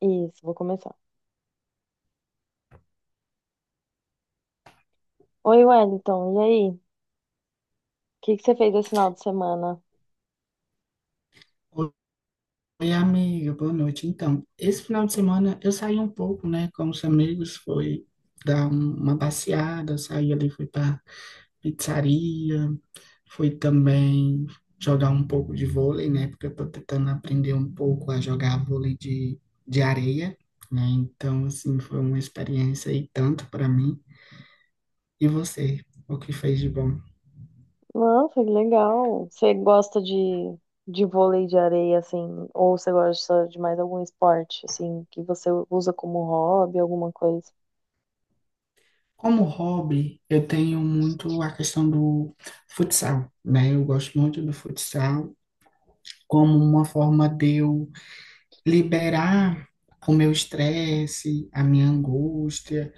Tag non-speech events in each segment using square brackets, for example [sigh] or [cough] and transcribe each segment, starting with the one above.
Isso, vou começar. Oi, Wellington, e aí? O que que você fez esse final de semana? Oi, amiga, boa noite. Então, esse final de semana eu saí um pouco, né, com os amigos, foi dar uma passeada, saí ali, fui pra pizzaria, fui também jogar um pouco de vôlei, né, porque eu tô tentando aprender um pouco a jogar vôlei de areia, né, então, assim, foi uma experiência e tanto para mim. E você, o que fez de bom? Nossa, que legal. Você gosta de vôlei de areia, assim, ou você gosta de mais algum esporte, assim, que você usa como hobby, alguma coisa? Como hobby, eu tenho muito a questão do futsal, né, eu gosto muito do futsal, como uma forma de eu liberar o meu estresse, a minha angústia,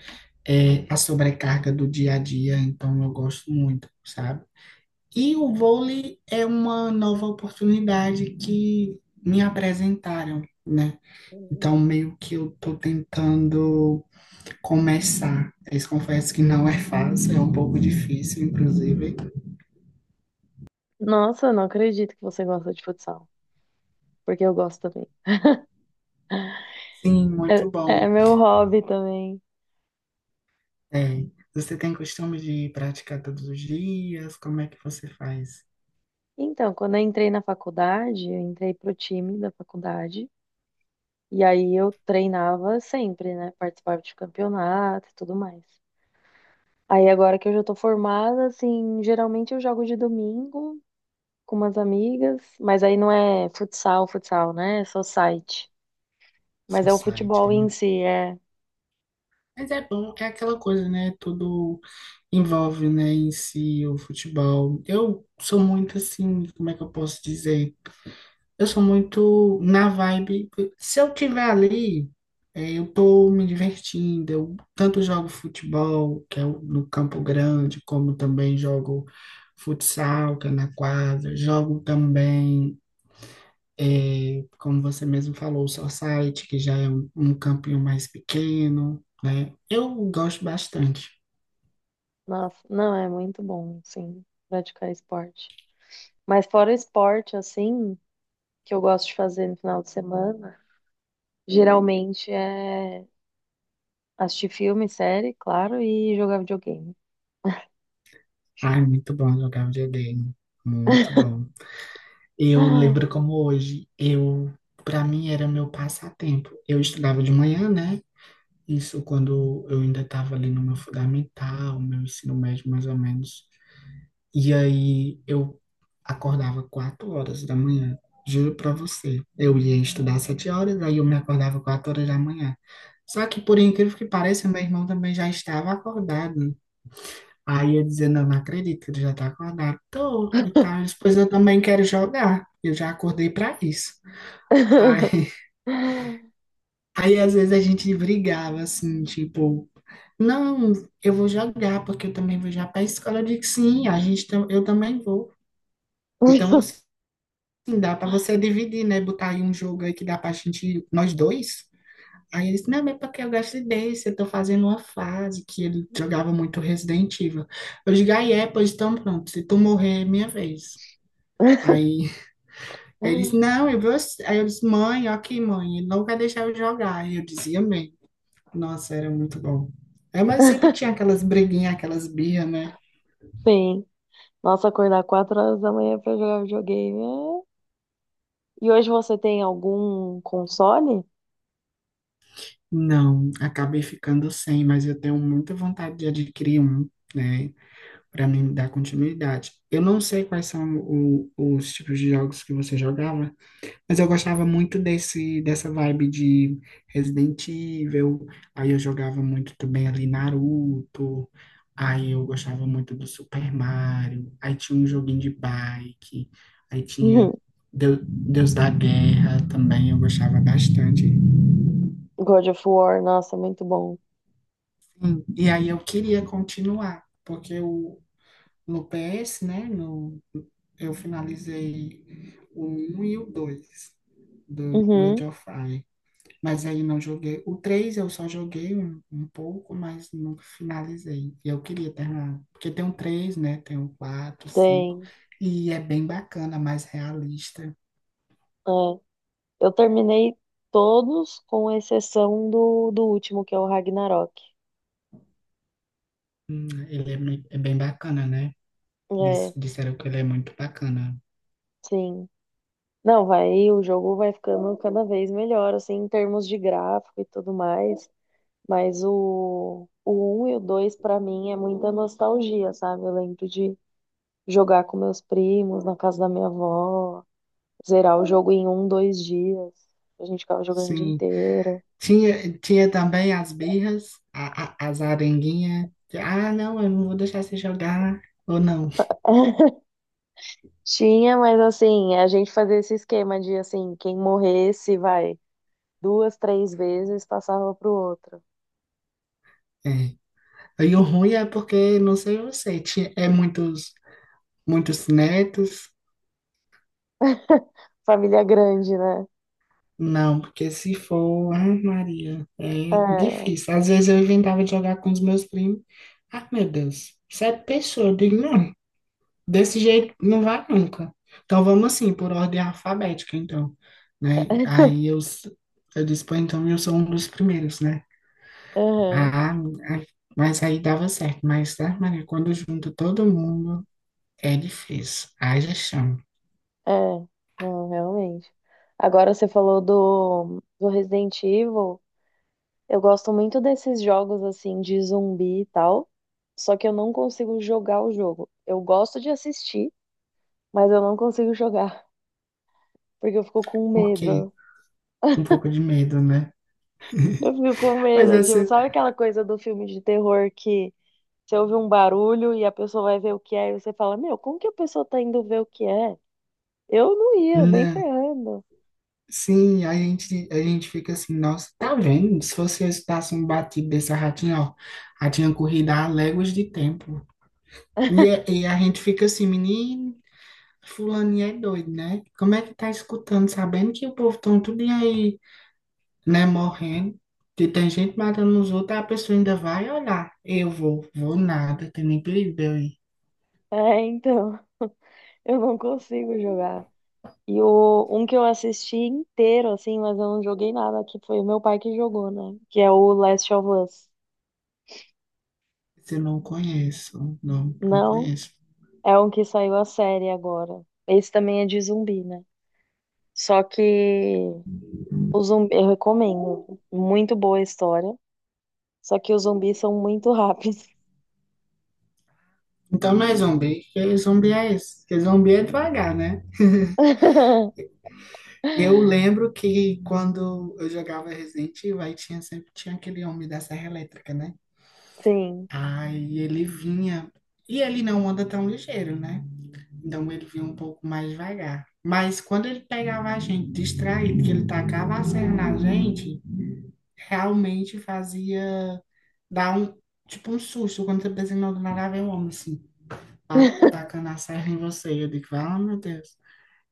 é, a sobrecarga do dia a dia, então eu gosto muito, sabe? E o vôlei é uma nova oportunidade que me apresentaram, né? Uhum. Então, meio que eu estou tentando começar. Eu confesso que não é fácil, é um pouco difícil, inclusive. Nossa, não acredito que você gosta de futsal, porque eu gosto também. Sim, É, muito é bom. meu hobby também. Tem. Você tem costume de praticar todos os dias? Como é que você faz Então, quando eu entrei na faculdade, eu entrei pro time da faculdade, e aí eu treinava sempre, né? Participava de campeonato e tudo mais. Aí agora que eu já tô formada, assim, geralmente eu jogo de domingo com umas amigas, mas aí não é futsal, futsal, né? É só site. Mas seu é o site? Futebol em si, é. Mas é bom, é aquela coisa, né? Tudo envolve, né, em si o futebol. Eu sou muito assim, como é que eu posso dizer? Eu sou muito na vibe. Se eu tiver ali, é, eu tô me divertindo. Eu tanto jogo futebol, que é no Campo Grande, como também jogo futsal, que é na quadra. Jogo também. É, como você mesmo falou, o Society, que já é um campinho mais pequeno, né? Eu gosto bastante. Nossa, não, é muito bom, assim, praticar esporte. Mas fora esporte, assim, que eu gosto de fazer no final de semana, geralmente é assistir filme, série, claro, e jogar videogame. Ai, muito bom jogar videogame. Muito bom. Eu lembro como hoje, eu, para mim era meu passatempo. Eu estudava de manhã, né? Isso quando eu ainda estava ali no meu fundamental, meu ensino médio mais ou menos. E aí eu acordava 4 horas da manhã, juro pra você. Eu ia estudar 7 horas, aí eu me acordava 4 horas da manhã. Só que, por incrível que pareça, meu irmão também já estava acordado. Aí eu dizia, não, não acredito que ele já está acordado. Tô, e tal. Depois eu também quero jogar. Eu já acordei pra isso. Aí, [laughs] [laughs] aí às vezes a gente brigava, assim, tipo, não, eu vou jogar, porque eu também vou já para a escola. Eu digo, sim, a gente, eu também vou. Então, assim, sim, dá pra você dividir, né? Botar aí um jogo aí que dá pra gente, nós dois. Aí ele disse, não, mas é porque eu gosto desse, eu tô fazendo uma fase que ele jogava muito Resident Evil. Eu digo, aí é, pois então pronto, se tu morrer, é minha vez. Aí ele disse, não, eu vou... Aí eu disse, mãe, ó aqui, mãe, ele não vai deixar eu jogar. Aí eu dizia, bem, nossa, era muito bom. É, mas sempre tinha aquelas briguinhas, aquelas birras, né? Sim. Nossa, acordar 4 horas da manhã pra jogar videogame. É. E hoje você tem algum console? [laughs] Não, acabei ficando sem, mas eu tenho muita vontade de adquirir um, né? Para mim dar continuidade. Eu não sei quais são os tipos de jogos que você jogava, mas eu gostava muito desse dessa vibe de Resident Evil. Aí eu jogava muito também ali Naruto. Aí eu gostava muito do Super Mario. Aí tinha um joguinho de bike. Aí Uhum. tinha Deus da Guerra também, eu gostava bastante. God of War, nossa, é muito bom. Sim, e aí eu queria continuar, porque o no PS, né? No, eu finalizei o um e o 2 do God Uhum, of War. Mas aí não joguei. O 3 eu só joguei um pouco, mas nunca finalizei. E eu queria terminar. Porque tem o três, né? Tem o quatro, cinco. tem. E é bem bacana, mais realista. É. Eu terminei todos, com exceção do último, que é o Ragnarok. Ele é, é bem bacana, né? É, Disseram que ele é muito bacana. sim. Não, vai, o jogo vai ficando cada vez melhor, assim, em termos de gráfico e tudo mais. Mas o um e o 2, pra mim, é muita nostalgia, sabe? Eu lembro de jogar com meus primos na casa da minha avó, zerar o jogo em um, dois dias. A gente ficava jogando o dia Sim, inteiro. Tinha também as birras, as arenguinhas. De, ah, não, eu não vou deixar você jogar, ou não. Tinha, mas assim, a gente fazia esse esquema de assim, quem morresse, vai, duas, três vezes passava pro outro. É. E o ruim é porque, não sei você, tinha, é muitos, muitos netos. Família grande, né? Não, porque se for, ah, Maria, é É, difícil. Às vezes eu inventava de jogar com os meus primos. Ah, meu Deus, sete pessoas. Eu digo, não. Desse jeito não vai nunca. Então vamos assim, por ordem alfabética, então, né? [laughs] Aí eu, eu disse, pô, então eu sou um dos primeiros, né? aham, Ah, ah, mas aí dava certo. Mas, tá, Maria, quando junta todo mundo, é difícil. Haja chão. é, não, realmente. Agora você falou do Resident Evil. Eu gosto muito desses jogos assim de zumbi e tal, só que eu não consigo jogar o jogo. Eu gosto de assistir, mas eu não consigo [laughs] jogar, porque eu fico com Por quê? medo. Um pouco de medo, né? Eu fico com Mas medo, essa, tipo, sabe aquela coisa do filme de terror que você ouve um barulho e a pessoa vai ver o que é, e você fala, meu, como que a pessoa tá indo ver o que é? Eu não ia, nem não. ferrando. Sim, a gente fica assim, nossa, tá vendo? Se você escutasse um batido dessa ratinha, ó, ratinha corrida há léguas de tempo. E, [laughs] e a gente fica assim, menino. Fulaninha é doido, né? Como é que tá escutando, sabendo que o povo tão tudo aí, né, morrendo, que tem gente matando os outros, a pessoa ainda vai olhar. Eu vou, vou nada, tem nem perigo de eu ir. É, então, eu não consigo jogar. E o, um que eu assisti inteiro, assim, mas eu não joguei nada, que foi o meu pai que jogou, né? Que é o Last of Us. Se eu não conheço, não, não Não, conheço. é um que saiu a série agora. Esse também é de zumbi, né? Só que o zumbi, eu recomendo. Muito boa a história. Só que os zumbis são muito rápidos. Então não é zumbi, que zumbi é esse? Que zumbi é devagar, né? [laughs] Eu lembro que quando eu jogava Resident Evil, aí tinha, sempre tinha aquele homem da Serra Elétrica, né? Sim. Aí ele vinha, e ele não anda tão ligeiro, né? Então ele vinha um pouco mais devagar. Mas quando ele pegava a gente distraído, que ele tacava a serra na gente, realmente fazia dar um, tipo um susto quando você pensa que não do nada vem um homem assim, tacando a serra em você. Eu digo, ah, meu Deus.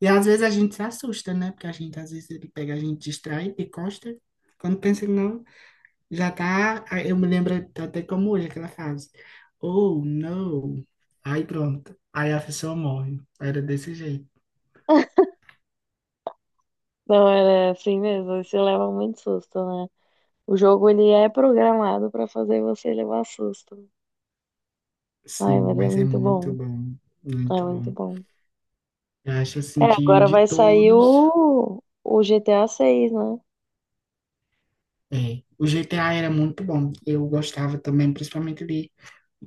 E às vezes a gente se assusta, né? Porque a gente, às vezes, ele pega a gente distraído e costa. Quando pensa que não, já tá. Eu me lembro até como hoje aquela frase. Oh, não. Aí pronto. Aí a pessoa morre. Era desse jeito. Não, era assim mesmo. Você leva muito susto, né? O jogo, ele é programado pra fazer você levar susto. Sim, Ai, mas é mas é muito muito bom. bom, É muito muito bom. bom. Eu acho É, assim que agora de vai sair todos, o GTA 6, né? é, o GTA era muito bom. Eu gostava também, principalmente de,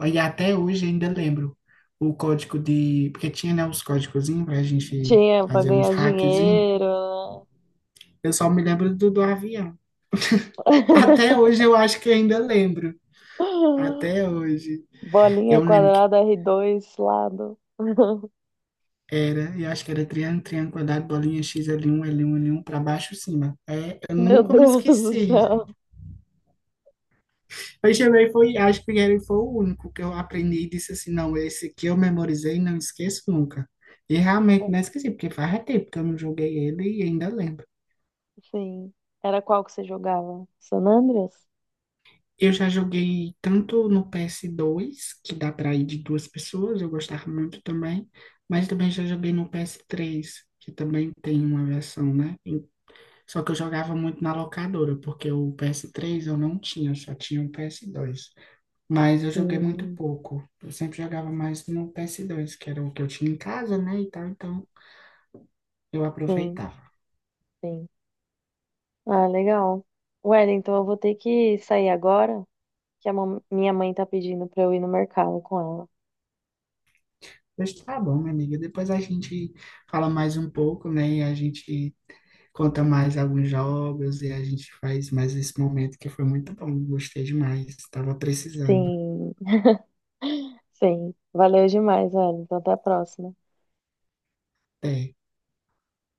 e até hoje ainda lembro o código de, porque tinha, né, os códigozinhos pra gente Tinha pra fazer uns ganhar hackzinhos. dinheiro, né? Eu só me lembro do avião. Até hoje [laughs] eu acho que ainda lembro. Até hoje. Bolinha, Eu lembro que quadrada, R2, lado. [laughs] era, eu acho que era triângulo, triângulo, quadrado, bolinha, X, l um l um l um para baixo, cima. É, eu Meu nunca me Deus do esqueci. céu. Christian Grey foi, acho que ele foi o único que eu aprendi e disse assim, não, esse aqui eu memorizei e não esqueço nunca. E realmente não esqueci, porque faz tempo que eu não joguei ele e ainda lembro. Sim. Era qual que você jogava? San Andreas? Eu já joguei tanto no PS2, que dá para ir de duas pessoas, eu gostava muito também, mas também já joguei no PS3, que também tem uma versão, né? Só que eu jogava muito na locadora, porque o PS3 eu não tinha, eu só tinha o PS2. Mas eu joguei muito Hum, pouco. Eu sempre jogava mais no PS2, que era o que eu tinha em casa, né? E tal, então eu sim, aproveitava. sim. Ah, legal. Wellington, eu vou ter que sair agora, que a minha mãe tá pedindo pra eu ir no mercado com ela. Mas tá bom, minha amiga. Depois a gente fala mais um pouco, né? E a gente conta mais alguns jogos e a gente faz mais esse momento que foi muito bom. Gostei demais. Tava precisando. Sim. Sim, valeu demais, velho. Então até a próxima. Até.